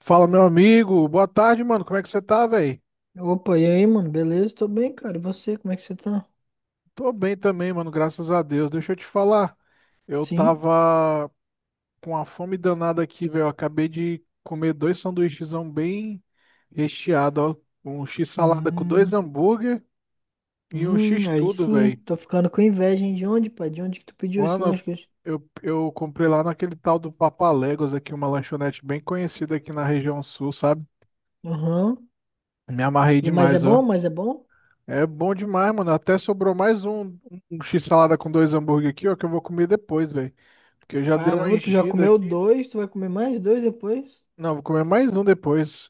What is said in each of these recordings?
Fala, meu amigo. Boa tarde, mano. Como é que você tá, velho? Opa, e aí, mano? Beleza? Tô bem, cara. E você, como é que você tá? Tô bem também, mano. Graças a Deus. Deixa eu te falar. Eu Sim. tava com uma fome danada aqui, velho. Eu acabei de comer dois sanduíchezão bem recheado, ó. Um x-salada com dois Hum, hambúrguer e um hum. Aí x-tudo, sim, hein? velho. Tô ficando com inveja, hein? De onde, pai? De onde que tu pediu esse Mano, lanche? Eu comprei lá naquele tal do Papaléguas aqui, uma lanchonete bem conhecida aqui na região sul, sabe? Aham. Me amarrei E mas é demais, bom? ó. Mas é bom? É bom demais, mano. Até sobrou mais um x-salada com dois hambúrguer aqui, ó, que eu vou comer depois, velho. Porque eu já dei uma Caramba, tu já enchida comeu aqui. dois, tu vai comer mais dois depois? Não, vou comer mais um depois.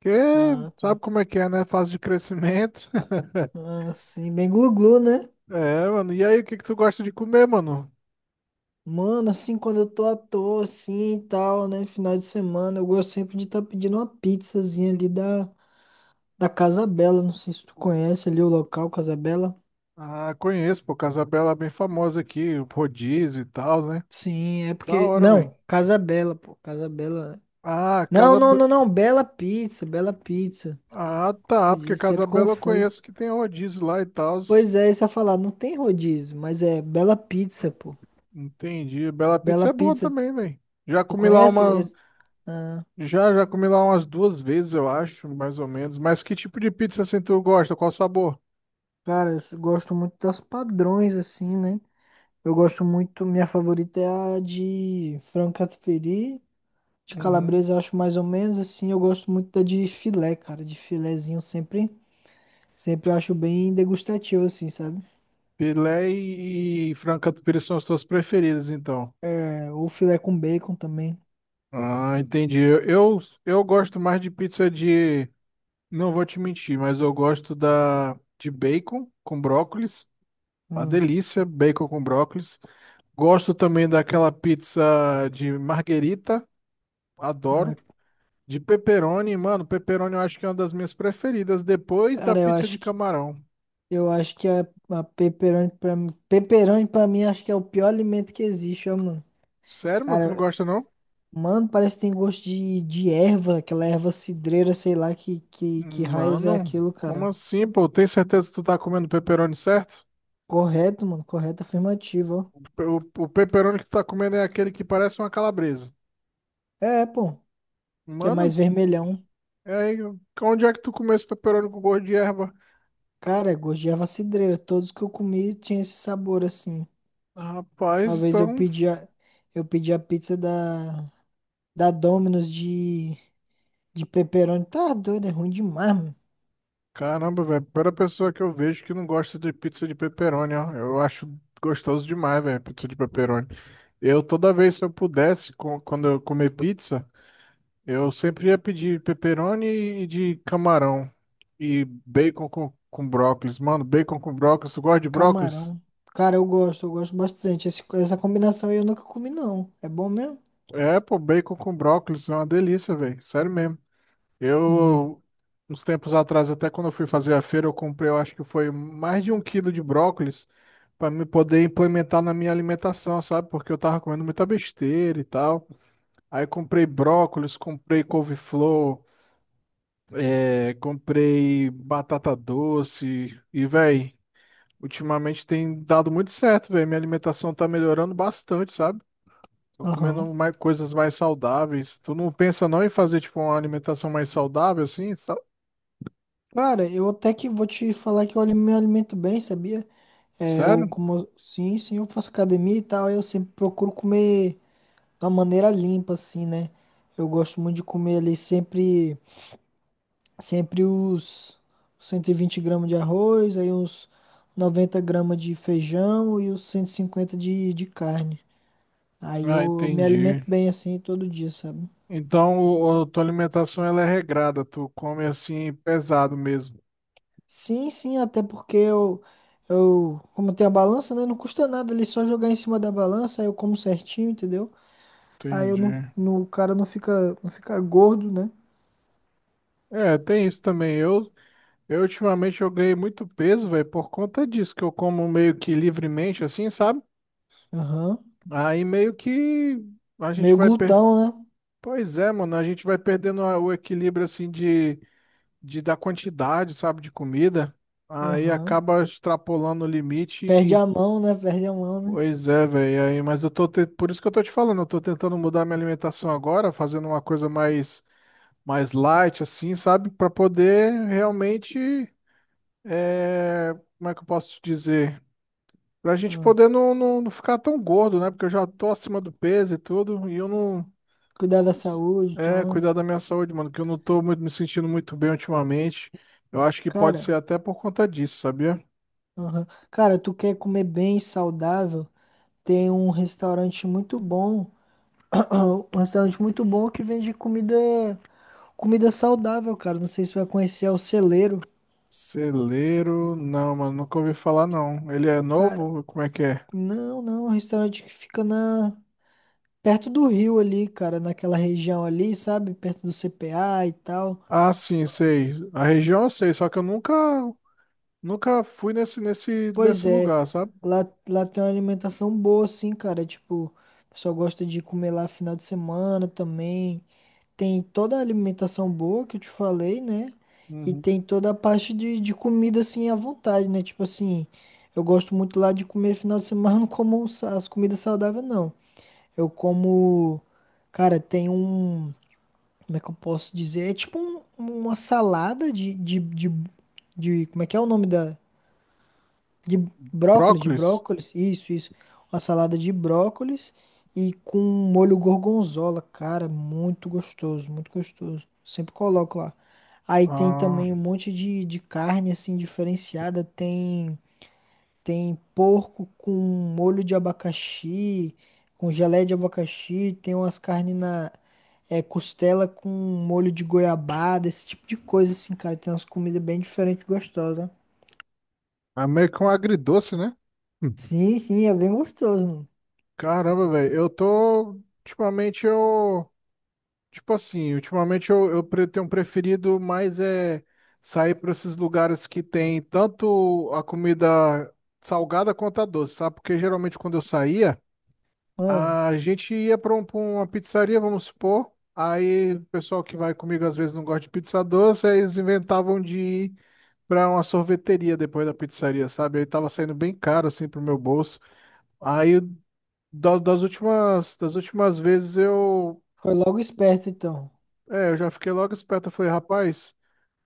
Porque Ah, tá. sabe como é que é, né? Fase de crescimento. Ah, sim, bem glu-glu, né? É, mano. E aí, o que que tu gosta de comer, mano? Mano, assim, quando eu tô à toa, assim e tal, né? Final de semana, eu gosto sempre de estar pedindo uma pizzazinha ali da Casa Bela. Não sei se tu conhece ali o local, Casa Bela. Ah, conheço, pô. Casabela é bem famosa aqui, o rodízio e tal, né? Sim, é Da porque. hora, velho. Não, Casa Bela, pô. Casa Bela. Ah, Não, Casa... não, Be- não, não. Bela Pizza, Bela Pizza. Ah, tá. Podia, Porque eu sempre Casabela eu confundo. conheço que tem um rodízio lá e tal. Pois é, isso eu ia falar, não tem rodízio, mas é Bela Pizza, pô. Entendi. Bela Pizza Bela é boa Pizza, também, velho. Já tu comi lá conhece? Uma. Ah, Já comi lá umas duas vezes, eu acho, mais ou menos. Mas que tipo de pizza assim tu gosta? Qual sabor? cara, eu gosto muito das padrões, assim, né? Eu gosto muito, minha favorita é a de frango catupiry. De Uhum. calabresa eu acho mais ou menos assim. Eu gosto muito da de filé, cara. De filézinho sempre eu acho bem degustativo, assim, sabe? Filé e frango catupiry são as tuas preferidas, então. O filé com bacon também. Ah, entendi. Eu gosto mais de pizza de. Não vou te mentir, mas eu gosto da de bacon com brócolis. Uma Hum, delícia, bacon com brócolis. Gosto também daquela pizza de marguerita. Adoro. ah, De pepperoni, mano, pepperoni eu acho que é uma das minhas preferidas, depois da cara, eu pizza acho de que camarão. eu acho que a pepperoni pra mim acho que é o pior alimento que existe, ó, mano. Sério, mano, tu não Cara, gosta não? mano, parece que tem gosto de erva, aquela erva cidreira, sei lá que raios é Mano, aquilo, como cara. assim, pô? Tem certeza que tu tá comendo pepperoni certo? Correto, mano, correto, afirmativo, O pepperoni que tu tá comendo é aquele que parece uma calabresa. ó. É, pô, que é mais Mano, vermelhão. é aí, onde é que tu comeu esse pepperoni com gosto de erva? Cara, é gosto de erva cidreira, todos que eu comi tinha esse sabor assim. Rapaz, Uma vez eu então. pedi a, eu pedi a pizza da Domino's. De pepperoni, tá doido, é ruim demais, mano. Caramba, velho, primeira pessoa que eu vejo que não gosta de pizza de pepperoni, ó. Eu acho gostoso demais, velho, pizza de pepperoni. Eu, toda vez, se eu pudesse, quando eu comer pizza. Eu sempre ia pedir pepperoni e de camarão. E bacon com brócolis. Mano, bacon com brócolis. Tu gosta de brócolis? Camarão. Cara, eu gosto bastante. Essa combinação aí eu nunca comi, não. É bom mesmo? É, pô, bacon com brócolis é uma delícia, velho. Sério mesmo. Hum, Eu, uns tempos atrás, até quando eu fui fazer a feira, eu comprei, eu acho que foi mais de um quilo de brócolis pra me poder implementar na minha alimentação, sabe? Porque eu tava comendo muita besteira e tal. Aí comprei brócolis, comprei couve-flor, é, comprei batata doce e, velho. Ultimamente tem dado muito certo, velho. Minha alimentação tá melhorando bastante, sabe? Tô aham. comendo mais coisas mais saudáveis. Tu não pensa não em fazer, tipo, uma alimentação mais saudável, assim? Cara, eu até que vou te falar que eu me alimento bem, sabia? É, eu Sério? como. Sim, sim, eu faço academia e tal, eu sempre procuro comer de uma maneira limpa, assim, né? Eu gosto muito de comer ali sempre os 120 gramas de arroz, aí uns 90 gramas de feijão e os 150 de carne. Aí Ah, eu, me entendi. alimento bem assim todo dia, sabe? Então, tua alimentação, ela é regrada. Tu come, assim, pesado mesmo. Sim, sim, até porque eu, como tem a balança, né? Não custa nada ali só jogar em cima da balança, aí eu como certinho, entendeu? Aí eu não, Entendi. não, o cara não fica, não fica gordo, né? É, tem isso também. Eu ultimamente, eu ganhei muito peso, velho, por conta disso, que eu como meio que livremente, assim, sabe? Aham. Aí meio que a gente Meio vai. glutão, né? Pois é, mano, a gente vai perdendo o equilíbrio assim de da quantidade, sabe, de comida. Aí Aham. acaba extrapolando o limite Perde a e, mão, né? Perde a mão, né? pois é, velho. Aí, mas eu por isso que eu tô te falando, eu tô tentando mudar minha alimentação agora, fazendo uma coisa mais light assim, sabe, pra poder realmente é, como é que eu posso te dizer? Pra gente Ah. poder não ficar tão gordo, né? Porque eu já tô acima do peso e tudo, e eu não Cuidar da saúde, É, então. cuidar da minha saúde, mano, que eu não tô muito, me sentindo muito bem ultimamente. Eu acho que pode Cara, ser até por conta disso, sabia? aham. Cara, tu quer comer bem, saudável? Tem um restaurante muito bom. Um restaurante muito bom que vende comida. Comida saudável, cara. Não sei se você vai conhecer é o Celeiro. Celeiro, não, mano, nunca ouvi falar não. Ele é Cara, novo? Como é que é? não, não. É um restaurante que fica perto do rio ali, cara. Naquela região ali, sabe? Perto do CPA e tal. Ah, sim, sei. A região eu sei, só que eu nunca, nunca fui nesse, nesse, Pois nesse é. lugar, sabe? Lá tem uma alimentação boa, sim, cara. Tipo, o pessoal gosta de comer lá final de semana também. Tem toda a alimentação boa que eu te falei, né? E Uhum. tem toda a parte de comida, assim, à vontade, né? Tipo assim, eu gosto muito lá de comer final de semana, mas não como as comidas saudáveis, não. Eu como, cara, tem um, como é que eu posso dizer? É tipo uma salada como é que é o nome da? De de Brócolis? brócolis, isso, isso. Uma salada de brócolis e com molho gorgonzola, cara, muito gostoso, muito gostoso. Sempre coloco lá. Aí tem Ah, também um monte de carne, assim, diferenciada, tem porco com molho de abacaxi, com geleia de abacaxi, tem umas carnes costela com molho de goiabada, esse tipo de coisa assim, cara. Tem umas comidas bem diferentes, e gostosas. é meio que um agridoce, né? Sim, sim, é bem gostoso, mano. Caramba, velho, eu tô. Ultimamente eu. Tipo assim, ultimamente eu tenho preferido mais é sair para esses lugares que tem tanto a comida salgada quanto a doce, sabe? Porque geralmente quando eu saía, Ah, a gente ia para uma pizzaria, vamos supor. Aí o pessoal que vai comigo às vezes não gosta de pizza doce, aí eles inventavam de ir pra uma sorveteria depois da pizzaria, sabe? Aí tava saindo bem caro assim pro meu bolso. Aí das últimas vezes eu, foi logo esperto então, é, eu já fiquei logo esperto. Eu falei, rapaz,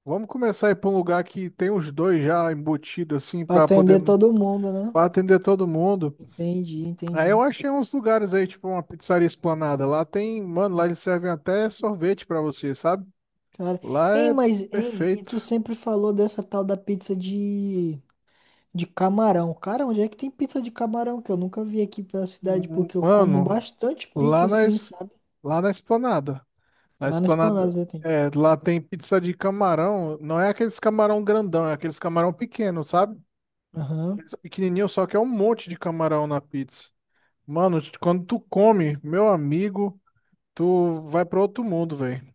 vamos começar a ir para um lugar que tem os dois já embutidos, assim, pra para poder atender todo mundo, né? pra atender todo mundo. Entendi, Aí eu entendi. achei uns lugares aí, tipo uma pizzaria Esplanada. Lá tem, mano, lá eles servem até sorvete para você, sabe? Cara, Lá ei, é mas ei, e perfeito. tu sempre falou dessa tal da pizza de camarão. Cara, onde é que tem pizza de camarão? Que eu nunca vi aqui pela cidade, porque eu como Mano, bastante pizza lá na, assim, es- sabe? lá na Esplanada. Na Lá na Esplanada. Esplanada tem. É, lá tem pizza de camarão. Não é aqueles camarão grandão, é aqueles camarão pequeno, sabe? Aham. Pizza Pequenininho, só que é um monte de camarão na pizza. Mano, quando tu come, meu amigo, tu vai pra outro mundo, velho.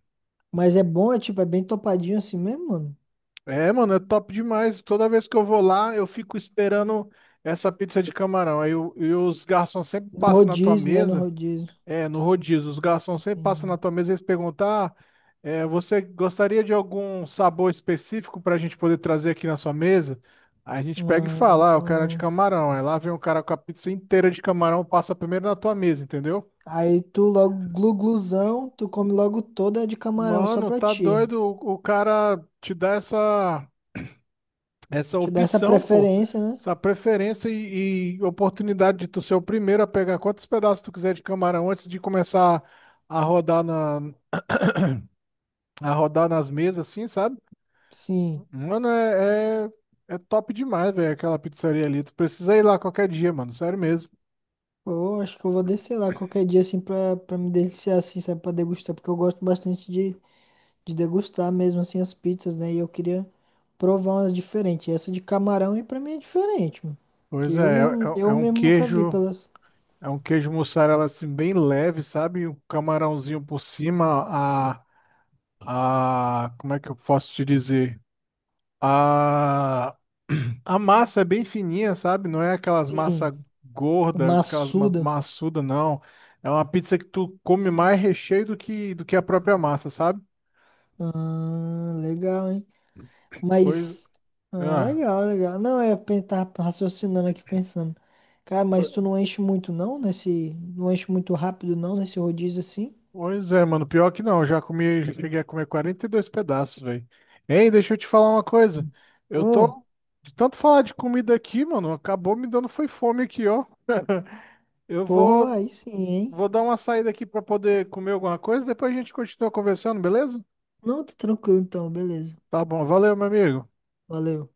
Mas é bom, é tipo, é bem topadinho assim mesmo, mano. É, mano, é top demais. Toda vez que eu vou lá, eu fico esperando essa pizza de camarão. Aí e os garçons sempre No passam na tua rodízio, né? No mesa. rodízio. É, no rodízio, os garçons sempre passam Entendi. na tua mesa e eles perguntam: ah, é, você gostaria de algum sabor específico para a gente poder trazer aqui na sua mesa? Aí a gente pega e fala: ah, o cara é de Ah, camarão. Aí lá vem o cara com a pizza inteira de camarão, passa primeiro na tua mesa, entendeu? aí tu come logo toda de camarão, só Mano, pra tá ti. doido o cara te dá essa, essa Te dá essa opção, pô, preferência, né? essa preferência e oportunidade de tu ser o primeiro a pegar quantos pedaços tu quiser de camarão antes de começar a rodar, na, a rodar nas mesas, assim, sabe? Sim. Mano, é top demais, velho, aquela pizzaria ali. Tu precisa ir lá qualquer dia, mano, sério mesmo. Pô, acho que eu vou descer lá qualquer dia assim pra, me deliciar assim, sabe? Pra degustar, porque eu gosto bastante de degustar mesmo assim as pizzas, né? E eu queria provar umas diferentes. E essa de camarão aí pra mim é diferente, mano. Que Pois é, é, é é eu um mesmo nunca vi queijo, pelas. é um queijo mussarela assim bem leve, sabe? Um camarãozinho por cima, como é que eu posso te dizer? A, a massa é bem fininha, sabe? Não é aquelas massas Sim, gorda, aquelas ma maçuda. maçuda, não. É uma pizza que tu come mais recheio do que a própria massa, sabe? Ah, legal, hein? Pois, Mas. Ah, ah. legal, legal. Não, é, tava raciocinando aqui, pensando. Cara, mas tu não enche muito não nesse. Não enche muito rápido não nesse rodízio assim? Pois é, mano. Pior que não, eu já comi, já cheguei a comer 42 pedaços, velho. Ei, deixa eu te falar uma coisa. Eu tô, Hum, de tanto falar de comida aqui, mano, acabou me dando foi fome aqui, ó. Eu Porra, vou, aí sim, hein? vou dar uma saída aqui pra poder comer alguma coisa, depois a gente continua conversando, beleza? Não, tá tranquilo então, beleza. Tá bom, valeu, meu amigo. Valeu.